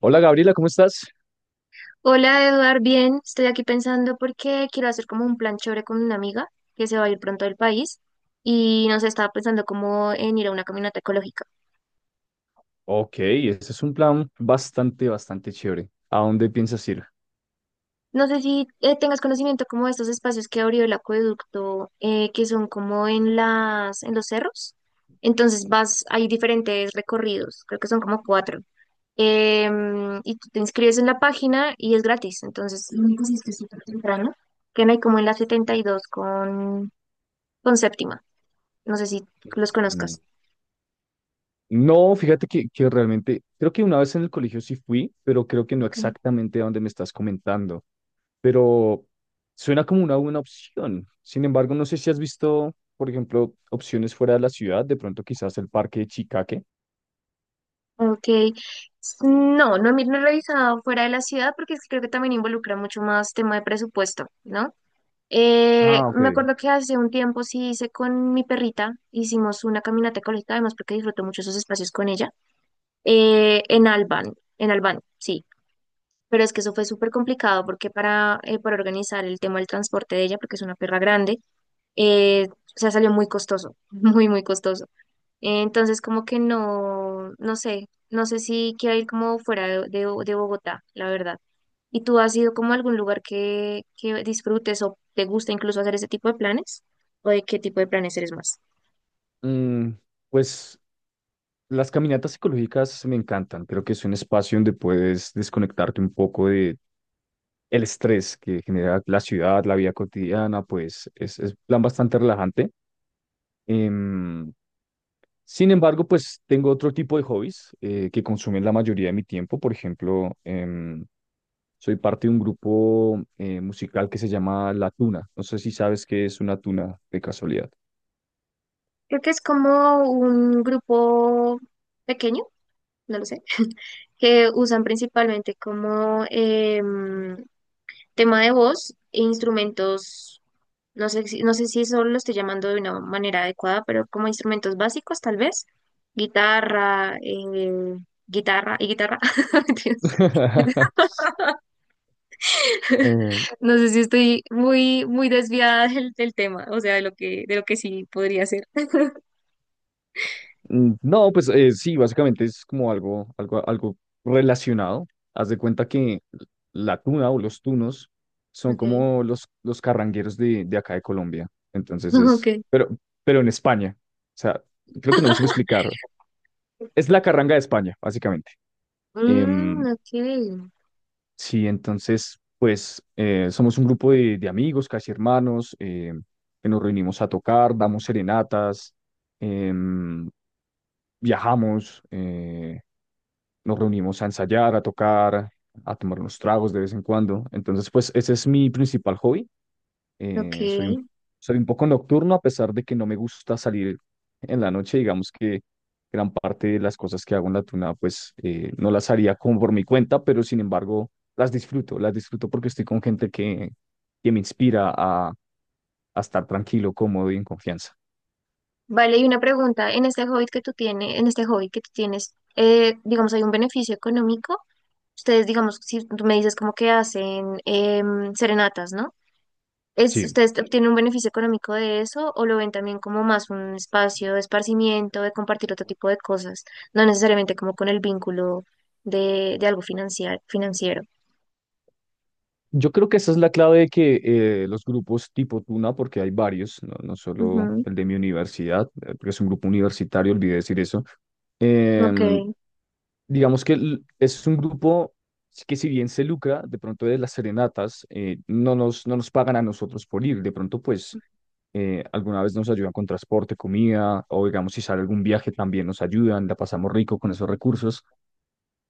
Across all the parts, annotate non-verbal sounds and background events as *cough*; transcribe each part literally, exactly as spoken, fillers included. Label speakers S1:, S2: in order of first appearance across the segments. S1: Hola Gabriela, ¿cómo estás?
S2: Hola Eduard, bien, estoy aquí pensando porque quiero hacer como un plan chévere con una amiga que se va a ir pronto del país y no sé, estaba pensando como en ir a una caminata ecológica.
S1: Ok, ese es un plan bastante, bastante chévere. ¿A dónde piensas ir?
S2: No sé si eh, tengas conocimiento como de estos espacios que abrió el acueducto, eh, que son como en las, en los cerros. Entonces vas, hay diferentes recorridos, creo que son como cuatro. Em, y tú te inscribes en la página y es gratis. Entonces, lo único sí es que es súper temprano, que no hay como en la setenta y dos con, con séptima. No sé si los
S1: Mm,
S2: conozcas.
S1: No, fíjate que, que realmente, creo que una vez en el colegio sí fui, pero creo que no exactamente a donde me estás comentando. Pero suena como una buena opción. Sin embargo, no sé si has visto, por ejemplo, opciones fuera de la ciudad, de pronto quizás el parque de Chicaque.
S2: Ok. S- No, no, he- no he revisado fuera de la ciudad porque es que creo que también involucra mucho más tema de presupuesto, ¿no? Eh,
S1: Ah, ok.
S2: me acuerdo que hace un tiempo sí hice con mi perrita, hicimos una caminata ecológica, además porque disfruto mucho esos espacios con ella, eh, en Albán, en Albán, sí. Pero es que eso fue súper complicado porque para, eh, para organizar el tema del transporte de ella, porque es una perra grande, eh, o sea, salió muy costoso, *laughs* muy, muy costoso. Eh, Entonces, como que no, no sé, no sé si quiero ir como fuera de, de Bo- de Bogotá, la verdad. ¿Y tú has ido como a algún lugar que, que disfrutes o te gusta incluso hacer ese tipo de planes? ¿O de qué tipo de planes eres más?
S1: Mm, pues las caminatas psicológicas me encantan. Creo que es un espacio donde puedes desconectarte un poco de el estrés que genera la ciudad, la vida cotidiana, pues es, es plan bastante relajante. Em, Sin embargo, pues tengo otro tipo de hobbies eh, que consumen la mayoría de mi tiempo. Por ejemplo, em, soy parte de un grupo eh, musical que se llama La Tuna. No sé si sabes qué es una tuna de casualidad.
S2: Creo que es como un grupo pequeño, no lo sé, *laughs* que usan principalmente como em, tema de voz e instrumentos. No sé, si- no sé si eso lo estoy llamando de una manera adecuada, pero como instrumentos básicos, tal vez. Guitarra, eh, guitarra y guitarra. *laughs* Mentiras.
S1: *laughs* Eh, Eh,
S2: No sé si estoy muy, muy desviada del, del tema, o sea, de lo que, de lo que sí podría ser. *laughs*
S1: Mm, No, pues eh, sí, básicamente es como algo, algo, algo relacionado. Haz de cuenta que la tuna o los tunos son
S2: Okay.
S1: como los, los carrangueros de, de acá de Colombia. Entonces es,
S2: Okay.
S1: pero, pero en España. O sea, creo que no me supe explicar. Es la carranga de España, básicamente. Em,
S2: Mm, okay.
S1: sí, entonces, pues eh, somos un grupo de, de amigos, casi hermanos, em, que nos reunimos a tocar, damos serenatas, em, viajamos. Eh, nos reunimos a ensayar, a tocar, a tomar unos tragos de vez en cuando. Entonces, pues ese es mi principal hobby. Eh, soy
S2: Okay.
S1: un, Soy un poco nocturno a pesar de que no me gusta salir en la noche. Digamos que gran parte de las cosas que hago en la tuna, pues eh, no las haría como por mi cuenta, pero sin embargo las disfruto, las disfruto porque estoy con gente que, que me inspira a, a estar tranquilo, cómodo y en confianza.
S2: Vale, y una pregunta, en este hobby que tú tienes, en este hobby que tú tienes, eh, digamos, ¿hay un beneficio económico? Ustedes, digamos, si tú me dices como que hacen em, serenatas, ¿no? Es,
S1: Sí.
S2: ¿ustedes obtienen un beneficio económico de eso o lo ven también como más un espacio de esparcimiento, de compartir otro tipo de cosas, no necesariamente como con el vínculo de, de algo financiar- financiero?
S1: Yo creo que esa es la clave de que eh, los grupos tipo Tuna, porque hay varios, no, no solo
S2: Ujú.
S1: el de mi universidad, eh, porque es un grupo universitario, olvidé decir eso,
S2: Ok,
S1: em, digamos que l- es un grupo que si bien se lucra de pronto de las serenatas, eh, no nos, no nos pagan a nosotros por ir, de pronto pues eh, alguna vez nos ayudan con transporte, comida, o digamos si sale algún viaje también nos ayudan, la pasamos rico con esos recursos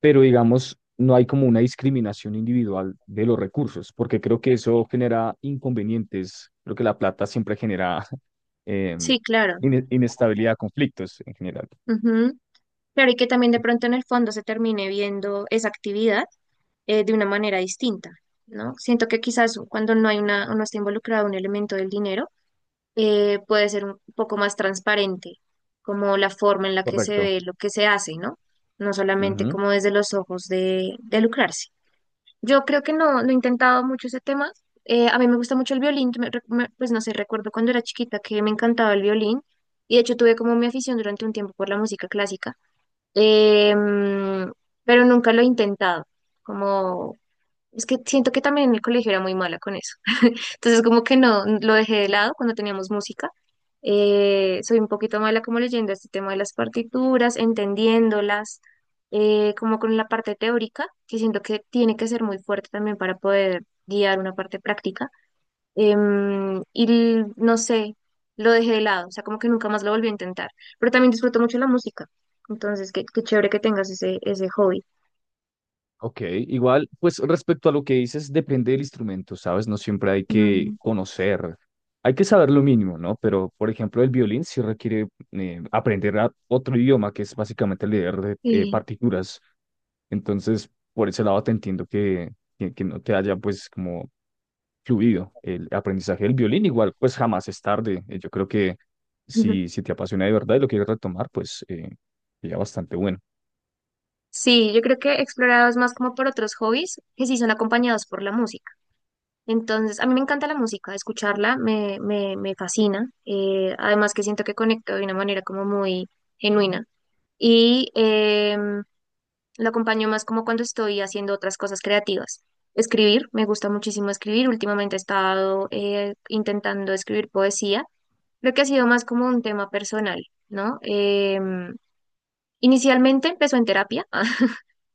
S1: pero digamos, no hay como una discriminación individual de los recursos, porque creo que eso genera inconvenientes. Creo que la plata siempre genera *laughs* em,
S2: sí, claro.
S1: ine- inestabilidad, conflictos en general.
S2: Ujú. Claro, y que también de pronto en el fondo se termine viendo esa actividad eh, de una manera distinta, ¿no? Siento que quizás cuando no hay una, o no está involucrado un elemento del dinero, eh, puede ser un poco más transparente, como la forma en la que se
S1: Correcto.
S2: ve lo que se hace, ¿no? No solamente
S1: Ujú,
S2: como desde los ojos de, de lucrarse. Yo creo que no, no he intentado mucho ese tema. Eh, a mí me gusta mucho el violín, me re- me- pues no sé, recuerdo cuando era chiquita que me encantaba el violín y de hecho tuve como mi afición durante un tiempo por la música clásica. Em, pero nunca lo he intentado, como es que siento que también en el colegio era muy mala con eso. Entonces como que no, lo dejé de lado cuando teníamos música. Eh, soy un poquito mala como leyendo este tema de las partituras, entendiéndolas, eh, como con la parte teórica, que siento que tiene que ser muy fuerte también para poder guiar una parte práctica. Em, y l- no sé, lo dejé de lado, o sea, como que nunca más lo volví a intentar. Pero también disfruto mucho la música, entonces qué, qué chévere que tengas ese, ese hobby.
S1: ok, igual, pues respecto a lo que dices, depende del instrumento, ¿sabes? No siempre hay que
S2: Mm,
S1: conocer, hay que saber lo mínimo, ¿no? Pero, por ejemplo, el violín sí requiere eh, aprender a- otro idioma, que es básicamente leer eh,
S2: sí.
S1: partituras. Entonces, por ese lado te entiendo que, que, que no te haya pues como fluido el aprendizaje del violín. Igual, pues jamás es tarde. Eh, Yo creo que si,
S2: *laughs*
S1: si te apasiona de verdad y lo quieres retomar, pues eh, sería bastante bueno.
S2: Sí, yo creo que he explorado es más como por otros hobbies que sí son acompañados por la música. Entonces, a mí me encanta la música, escucharla me, me, me fascina. Eh, además que siento que conecto de una manera como muy genuina. Y em, lo acompaño más como cuando estoy haciendo otras cosas creativas. Escribir, me gusta muchísimo escribir. Últimamente he estado eh, intentando escribir poesía. Creo que ha sido más como un tema personal, ¿no? Em, inicialmente empezó en terapia. *laughs*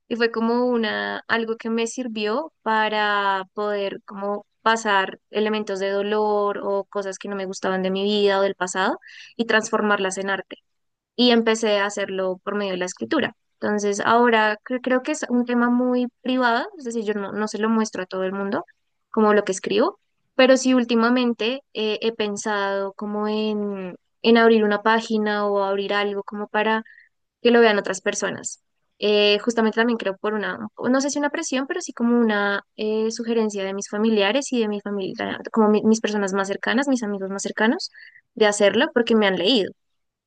S2: Y fue como una, algo que me sirvió para poder como pasar elementos de dolor o cosas que no me gustaban de mi vida o del pasado y transformarlas en arte. Y empecé a hacerlo por medio de la escritura. Entonces, ahora cre- creo que es un tema muy privado, es decir, yo no, no se lo muestro a todo el mundo como lo que escribo, pero sí últimamente eh, he pensado como en, en abrir una página o abrir algo como para que lo vean otras personas. Eh, justamente también creo por una, no sé si una presión, pero sí como una eh, sugerencia de mis familiares y de mi familia, como mi- mis personas más cercanas, mis amigos más cercanos, de hacerlo porque me han leído.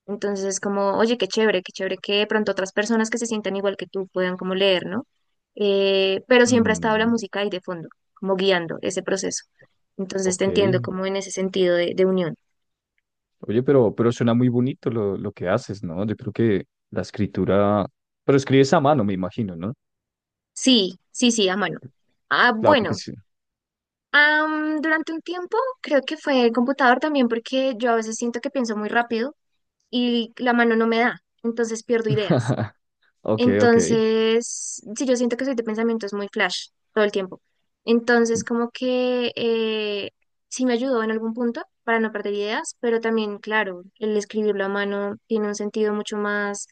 S2: Entonces es como, oye, qué chévere, qué chévere que de pronto otras personas que se sientan igual que tú puedan como leer, ¿no? Eh, pero siempre ha estado la
S1: Mm,
S2: música ahí de fondo, como guiando ese proceso. Entonces te
S1: ok.
S2: entiendo como en ese sentido de, de unión.
S1: Oye, pero, pero suena muy bonito lo, lo que haces, ¿no? Yo creo que la escritura... Pero escribes a mano, me imagino, ¿no?
S2: Sí, sí, sí, a mano. Ah,
S1: Claro, porque
S2: bueno.
S1: sí.
S2: Am, durante un tiempo creo que fue el computador también porque yo a veces siento que pienso muy rápido y la mano no me da, entonces pierdo ideas.
S1: Ok, ok.
S2: Entonces, sí, yo siento que soy de pensamientos muy flash todo el tiempo. Entonces,
S1: Mm.
S2: como que eh, sí me ayudó en algún punto para no perder ideas, pero también, claro, el escribirlo a mano tiene un sentido mucho más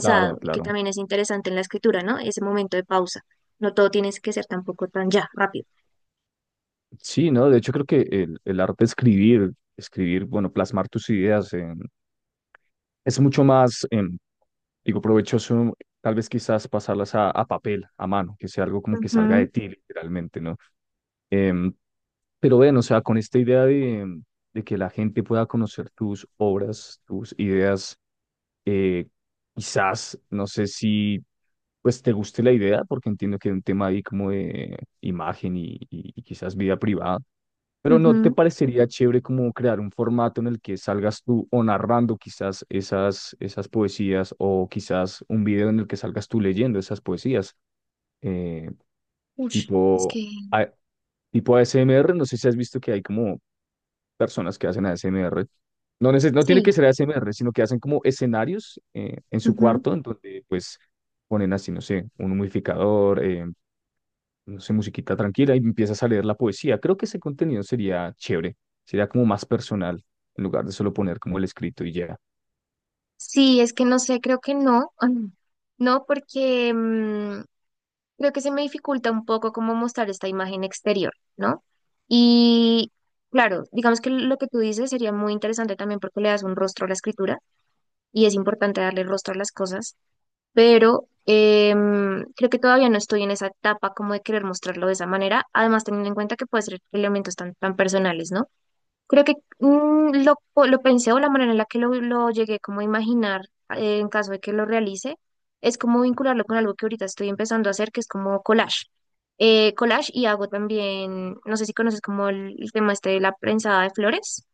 S1: Claro,
S2: y que
S1: claro.
S2: también es interesante en la escritura, ¿no? Ese momento de pausa. No todo tiene que ser tampoco tan ya, rápido.
S1: Sí, ¿no? De hecho, creo que el, el arte de escribir, escribir, bueno, plasmar tus ideas, eh, es mucho más, em, digo, provechoso, tal vez quizás pasarlas a, a papel, a mano, que sea algo como que salga de
S2: Ujú,
S1: ti, literalmente, ¿no? Em, pero bueno, o sea, con esta idea de, em, de que la gente pueda conocer tus obras, tus ideas, eh, quizás, no sé si, pues, te guste la idea, porque entiendo que es un tema ahí como de imagen y, y y quizás vida privada, pero ¿no te
S2: ujú.
S1: parecería chévere como crear un formato en el que salgas tú o narrando quizás esas, esas poesías o quizás un video en el que salgas tú leyendo esas poesías? Eh,
S2: Ush, es
S1: Tipo,
S2: que
S1: a- tipo A S M R, no sé si has visto que hay como personas que hacen A S M R. No, neces- no tiene
S2: sí,
S1: que ser A S M R, sino que hacen como escenarios eh, en su
S2: ujú.
S1: cuarto en donde pues ponen así, no sé, un humidificador, eh, no sé, musiquita tranquila y empiezas a leer la poesía. Creo que ese contenido sería chévere, sería como más personal, en lugar de solo poner como el escrito y ya.
S2: Sí, es que no sé, creo que no, mm, no, porque mm, creo que se me dificulta un poco cómo mostrar esta imagen exterior, ¿no? Y claro, digamos que lo que tú dices sería muy interesante también porque le das un rostro a la escritura y es importante darle rostro a las cosas, pero em, creo que todavía no estoy en esa etapa como de querer mostrarlo de esa manera, además teniendo en cuenta que puede ser elementos tan, tan personales, ¿no? Creo que mm, lo, po- lo pensé o la manera en la que lo, lo llegué como a imaginar eh, en caso de que lo realice es como vincularlo con algo que ahorita estoy empezando a hacer, que es como collage. Eh, collage y hago también, no sé si conoces como el, el tema este de la prensada de flores,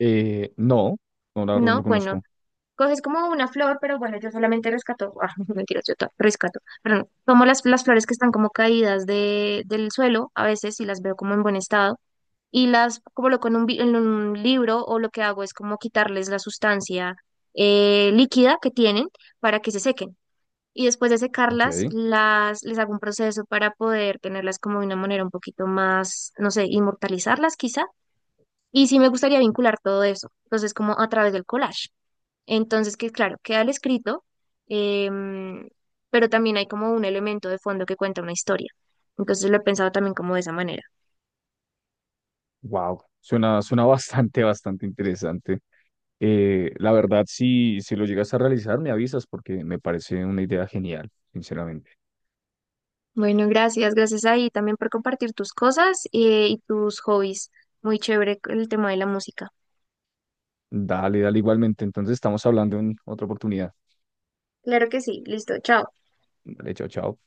S1: Eh, no, no, la verdad no
S2: ¿no?
S1: lo
S2: Bueno,
S1: conozco.
S2: coges como una flor, pero bueno, yo solamente rescato, *laughs* ah, no, mentiras, yo to- rescato, pero no, tomo las, las flores que están como caídas de, del suelo a veces y las veo como en buen estado y las coloco en un, vi- en un libro o lo que hago es como quitarles la sustancia eh, líquida que tienen para que se sequen. Y después de
S1: Ok,
S2: secarlas, las, les hago un proceso para poder tenerlas como de una manera un poquito más, no sé, inmortalizarlas quizá. Y sí me gustaría vincular todo eso, entonces como a través del collage. Entonces, que claro, queda el escrito, em, pero también hay como un elemento de fondo que cuenta una historia. Entonces lo he pensado también como de esa manera.
S1: wow, suena, suena *laughs* bastante, bastante interesante. Eh, la verdad, si, si lo llegas a realizar, me avisas porque me parece una idea genial, sinceramente.
S2: Bueno, gracias, gracias ahí también por compartir tus cosas eh, y tus hobbies. Muy chévere el tema de la música.
S1: Dale, dale igualmente. Entonces estamos hablando en otra oportunidad.
S2: Claro que sí, listo, chao.
S1: Dale, chao, chao.